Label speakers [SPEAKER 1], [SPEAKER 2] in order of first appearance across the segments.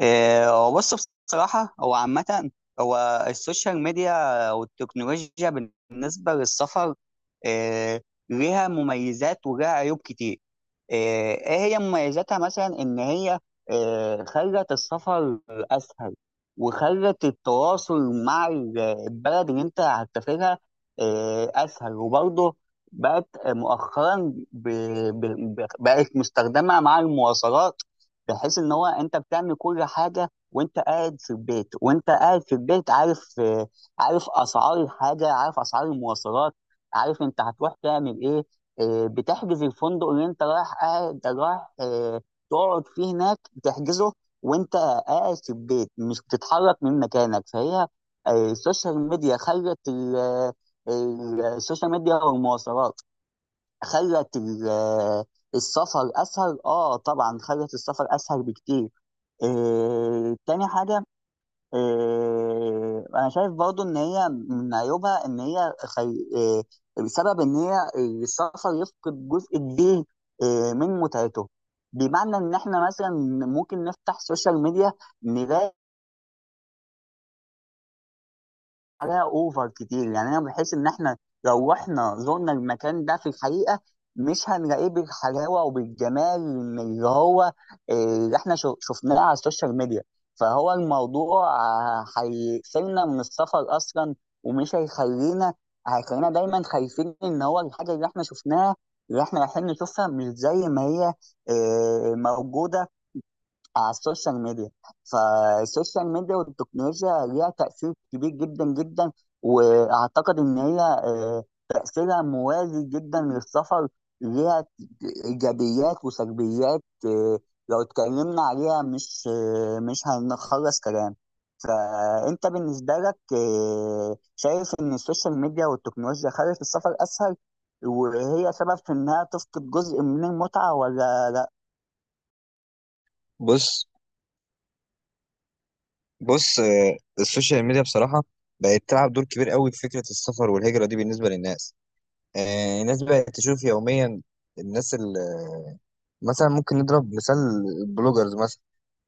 [SPEAKER 1] هو بص، بصراحة هو عامة، هو السوشيال ميديا والتكنولوجيا بالنسبة للسفر إيه، ليها مميزات وليها عيوب كتير. إيه هي مميزاتها مثلا إن هي خلت السفر أسهل، وخلت التواصل مع البلد اللي أنت هتسافرها أسهل. وبرضه بقت مؤخرا بقت مستخدمة مع المواصلات، بحيث ان هو انت بتعمل كل حاجه وانت قاعد في البيت، عارف، عارف اسعار الحاجه، عارف اسعار المواصلات، عارف انت هتروح تعمل ايه. آه، بتحجز الفندق اللي انت رايح تقعد فيه هناك، بتحجزه وانت قاعد في البيت مش بتتحرك من مكانك. فهي آه، السوشيال ميديا خلت السوشيال ميديا والمواصلات خلت السفر اسهل. اه طبعا خلت السفر اسهل بكتير. آه تاني حاجه، آه انا شايف برضو ان هي من عيوبها ان هي خي... آه بسبب ان هي السفر يفقد جزء كبير آه من متعته. بمعنى ان احنا مثلا ممكن نفتح سوشيال ميديا نلاقي عليها اوفر كتير. يعني انا بحس ان احنا لو رحنا زرنا المكان ده في الحقيقه مش هنلاقيه بالحلاوه وبالجمال من اللي هو آه، اللي احنا شفناه على السوشيال ميديا. فهو الموضوع آه، هيقفلنا من السفر اصلا، ومش هيخلينا هيخلينا دايما خايفين ان هو الحاجه اللي احنا شفناها اللي احنا رايحين نشوفها مش زي ما هي آه، موجوده على السوشيال ميديا. فالسوشيال ميديا والتكنولوجيا ليها تأثير كبير جدا جدا، وأعتقد إن هي آه، تأثيرها موازي جدا للسفر. ليها إيجابيات وسلبيات، آه، لو اتكلمنا عليها مش هنخلص كلام. فأنت بالنسبة لك آه، شايف إن السوشيال ميديا والتكنولوجيا خلت السفر أسهل وهي سبب في إنها تفقد جزء من المتعة ولا لا؟
[SPEAKER 2] بص بص. السوشيال ميديا بصراحة بقت تلعب دور كبير قوي في فكرة السفر والهجرة دي بالنسبة للناس. الناس بقت تشوف يوميا الناس اللي مثلا، ممكن نضرب مثال: البلوجرز مثلا.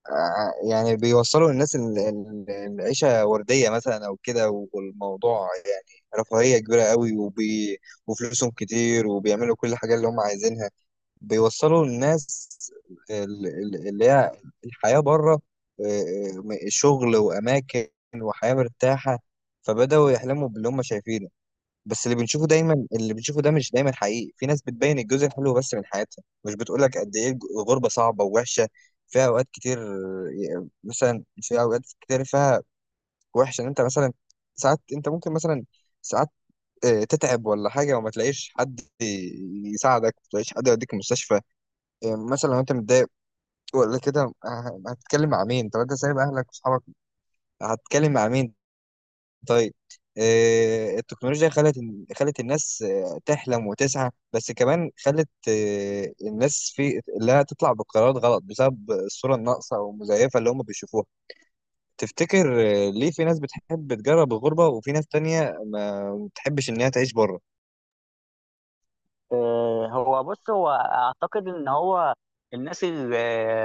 [SPEAKER 2] يعني بيوصلوا للناس العيشة وردية مثلا أو كده، والموضوع يعني رفاهية كبيرة قوي، وفلوسهم كتير وبيعملوا كل حاجة اللي هم عايزينها. بيوصلوا الناس اللي هي الحياة بره، شغل وأماكن وحياة مرتاحة، فبدأوا يحلموا باللي هم شايفينه. بس اللي بنشوفه دايما، اللي بنشوفه ده مش دايما حقيقي. في ناس بتبين الجزء الحلو بس من حياتها، مش بتقولك قد إيه الغربة صعبة ووحشة فيها أوقات كتير. مثلا في أوقات كتير فيها وحشة، إن أنت مثلا ساعات، أنت ممكن مثلا ساعات تتعب ولا حاجة وما تلاقيش حد يساعدك، ما تلاقيش حد يوديك المستشفى. إيه، مثلا لو انت متضايق ولا كده هتتكلم مع مين؟ طب انت سايب اهلك واصحابك، هتتكلم مع مين؟ طيب. إيه، التكنولوجيا خلت الناس تحلم وتسعى، بس كمان خلت الناس في لا تطلع بقرارات غلط بسبب الصورة الناقصة او المزيفة اللي هم بيشوفوها. تفتكر ليه في ناس بتحب تجرب الغربة وفي ناس تانية ما بتحبش ان هي تعيش بره؟
[SPEAKER 1] آه، هو بص، هو اعتقد ان هو الناس اللي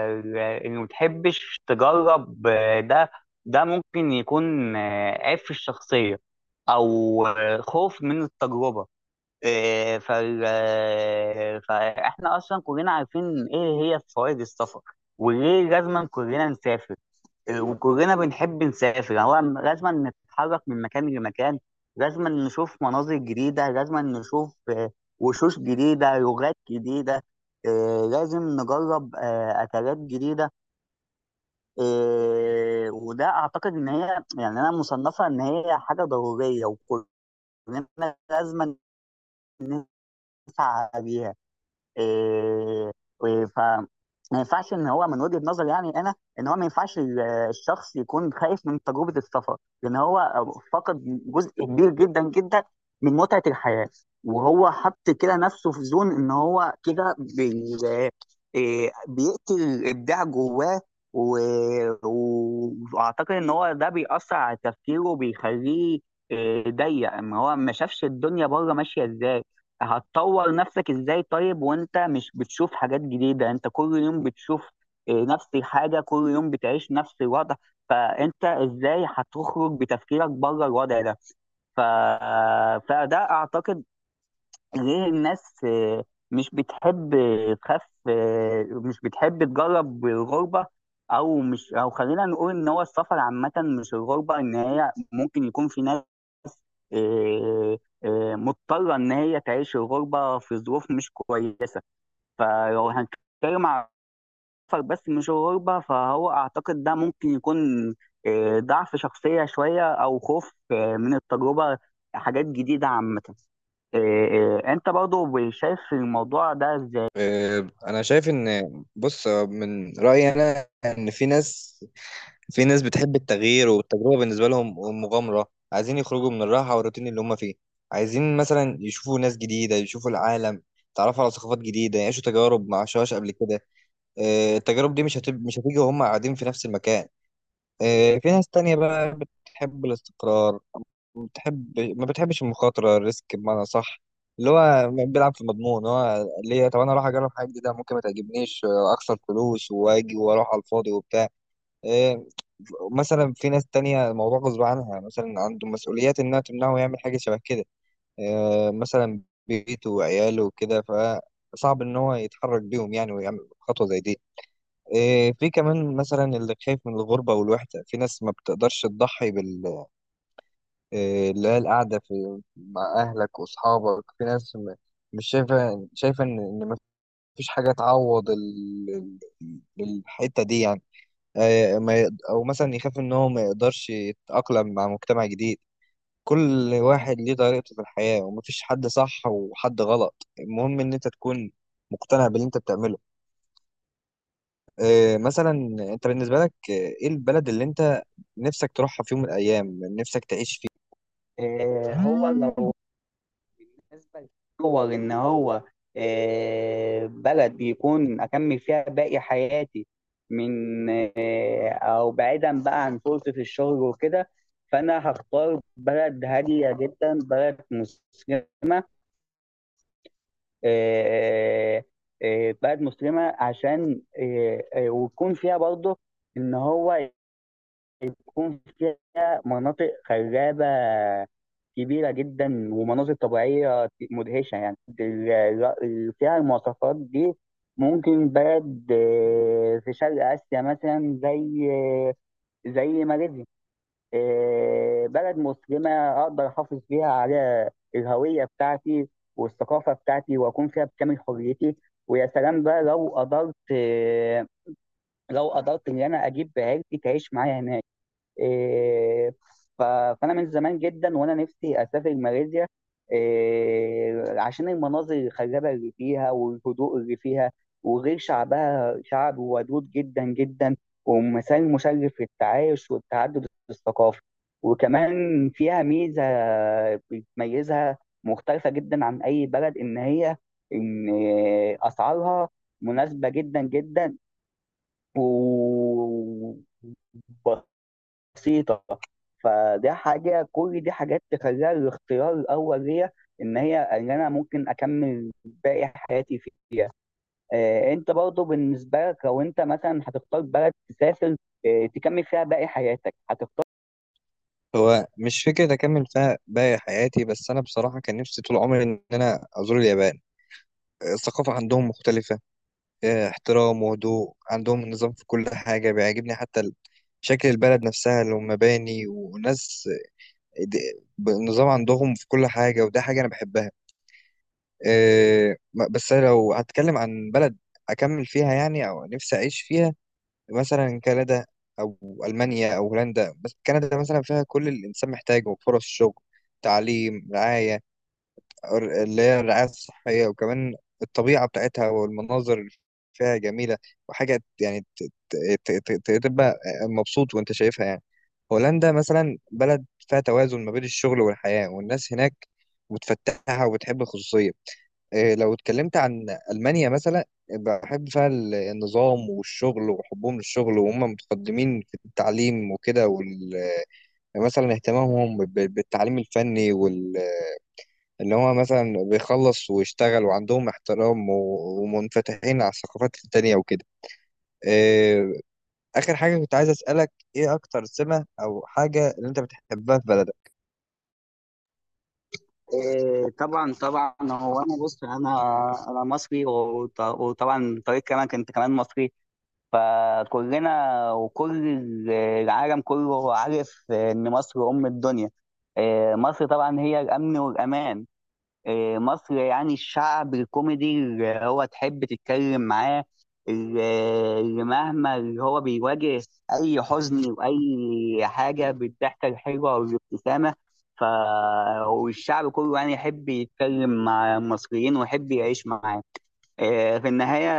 [SPEAKER 1] اللي ما بتحبش تجرب، آه، ده ممكن يكون آه، عيب في الشخصيه او آه، خوف من التجربه. آه، فاحنا اصلا كلنا عارفين ايه هي فوائد السفر وليه لازم كلنا نسافر وكلنا بنحب نسافر. يعني هو لازم نتحرك من مكان لمكان، لازم نشوف مناظر جديدة، لازم نشوف آه، وشوش جديدة، لغات جديدة، آه، لازم نجرب آه، أكلات جديدة. آه، وده أعتقد إن هي، يعني أنا مصنفة إن هي حاجة ضرورية وكلنا لازم نسعى بيها. إيه، و- ف ما ينفعش ان هو، من وجهة نظري يعني انا، ان هو ما ينفعش الشخص يكون خايف من تجربة السفر. لان هو فقد جزء كبير جدا جدا من متعة الحياة، وهو حط كده نفسه في زون ان هو كده بي... إيه، بيقتل الابداع جواه، و... واعتقد ان هو ده بيأثر على تفكيره وبيخليه إيه، ضيق ان هو ما شافش الدنيا بره ماشية ازاي. هتطور نفسك ازاي طيب وانت مش بتشوف حاجات جديدة؟ انت كل يوم بتشوف آه، نفس الحاجة، كل يوم بتعيش نفس الوضع، فانت ازاي هتخرج بتفكيرك بره الوضع ده؟ ف... فده اعتقد ليه الناس آه، مش بتحب تخاف مش بتحب تجرب الغربة. او مش، او خلينا نقول ان هو السفر عامة مش الغربة، ان هي ممكن يكون في ناس إيه، إيه، مضطره ان هي تعيش الغربه في ظروف مش كويسه. فلو هنتكلم على السفر بس مش الغربه، فهو اعتقد ده ممكن يكون إيه، ضعف شخصيه شويه او خوف إيه، من التجربه، حاجات جديده عامه. إيه، إيه، انت برضو شايف الموضوع ده ازاي؟
[SPEAKER 2] انا شايف ان، بص، من رأيي انا ان في ناس، في ناس بتحب التغيير والتجربة. بالنسبة لهم مغامرة، عايزين يخرجوا من الراحة والروتين اللي هم فيه، عايزين مثلا يشوفوا ناس جديدة، يشوفوا العالم، يتعرفوا على ثقافات جديدة، يعيشوا تجارب ما عاشوهاش قبل كده. التجارب دي مش هتيجي وهم قاعدين في نفس المكان. في ناس تانية بقى بتحب الاستقرار، ما بتحبش المخاطرة، الريسك بمعنى صح، اللي هو بيلعب في مضمون. هو ليه طب انا اروح اجرب حاجة جديدة ممكن ما تعجبنيش، اخسر فلوس واجي واروح على الفاضي وبتاع. إيه، مثلا في ناس تانية الموضوع غصب عنها، مثلا عنده مسؤوليات إنها تمنعه يعمل حاجة شبه كده. إيه، مثلا بيته وعياله وكده، فصعب إن هو يتحرك بيهم يعني ويعمل خطوة زي دي. إيه، في كمان مثلا اللي خايف من الغربة والوحدة، في ناس ما بتقدرش تضحي بال- إيه، اللي هي القعدة في مع أهلك وأصحابك. في ناس مش شايفة إن، إن مفيش حاجة تعوض الحتة دي يعني. ما يقد- او مثلا يخاف ان هو ما يقدرش يتأقلم مع مجتمع جديد. كل واحد ليه طريقته في الحياة، ومفيش حد صح وحد غلط، المهم ان انت تكون مقتنع باللي انت بتعمله. مثلا انت بالنسبة لك ايه البلد اللي انت نفسك تروحها في يوم من الايام، نفسك تعيش فيه؟
[SPEAKER 1] إيه، هو لو بالنسبة لصور إن هو آه، بلد بيكون أكمل فيها باقي حياتي من آه، أو بعيدا بقى عن فرصة الشغل وكده، فأنا هختار بلد هادية جدا، بلد مسلمة، آه، آه، بلد مسلمة عشان ويكون فيها برضه إن هو بتكون فيها مناطق خلابة كبيرة جدا ومناظر طبيعية مدهشة. يعني فيها المواصفات دي، ممكن بلد آه، في شرق آسيا مثلا زي آه، زي ماليزيا. آه، بلد مسلمة أقدر أحافظ فيها على الهوية بتاعتي والثقافة بتاعتي وأكون فيها بكامل حريتي. ويا سلام بقى لو قدرت، لو قدرت إن أنا أجيب عيلتي تعيش معايا هناك. إيه، ف- فانا من زمان جدا وانا نفسي اسافر ماليزيا إيه، عشان المناظر الخلابه اللي فيها والهدوء اللي فيها، وغير شعبها شعب ودود جدا جدا ومثال مشرف للتعايش والتعدد الثقافي. وكمان فيها ميزه بتميزها مختلفه جدا عن اي بلد، ان هي ان اسعارها مناسبه جدا جدا و بسيطة فده حاجة، كل دي حاجات تخليها الاختيار الأول ليا، إن هي إن أنا ممكن أكمل باقي حياتي فيه. آه، أنت برضو بالنسبة لك لو أنت مثلا هتختار بلد تسافر آه تكمل فيها باقي حياتك، هتختار؟
[SPEAKER 2] هو مش فكرة أكمل فيها باقي حياتي، بس أنا بصراحة كان نفسي طول عمري إن أنا أزور اليابان. الثقافة عندهم مختلفة، احترام وهدوء، عندهم نظام في كل حاجة بيعجبني، حتى شكل البلد نفسها، المباني وناس بنظام عندهم في كل حاجة، وده حاجة أنا بحبها. بس أنا لو هتكلم عن بلد أكمل فيها يعني أو نفسي أعيش فيها، مثلا كندا أو ألمانيا أو هولندا. بس كندا مثلا فيها كل اللي الإنسان محتاجه: فرص شغل، تعليم، رعاية، اللي هي الرعاية الصحية، وكمان الطبيعة بتاعتها والمناظر اللي فيها جميلة، وحاجة يعني ت- تبقى مبسوط وانت شايفها يعني. هولندا مثلا بلد فيها توازن ما بين الشغل والحياة، والناس هناك متفتحة وبتحب الخصوصية. إيه، لو اتكلمت عن ألمانيا مثلا، بحب فيها النظام والشغل وحبهم للشغل، وهم متقدمين في التعليم وكده، مثلا اهتمامهم بالتعليم الفني، اللي هو مثلا بيخلص ويشتغل، وعندهم احترام ومنفتحين على الثقافات التانية وكده. آه، آخر حاجة كنت عايز أسألك: إيه أكتر سمة أو حاجة اللي أنت بتحبها في بلدك؟
[SPEAKER 1] آه طبعا هو أنا بص، أنا مصري وطبعا طريق كمان أنت كمان مصري، فكلنا العالم كله عارف إن مصر أم الدنيا. آه، مصر طبعا هي الأمن والأمان. آه، مصر يعني الشعب الكوميدي اللي هو تحب تتكلم معاه، اللي اللي مهما اللي هو بيواجه أي حزن وأي حاجة بالضحكة الحلوة والابتسامة. ف والشعب كله يعني يحب يتكلم مع المصريين ويحب يعيش معاه. آه، في النهاية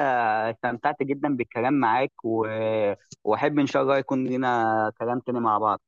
[SPEAKER 1] استمتعت جدا بالكلام معاك وأحب إن شاء الله يكون لنا كلام تاني مع بعض.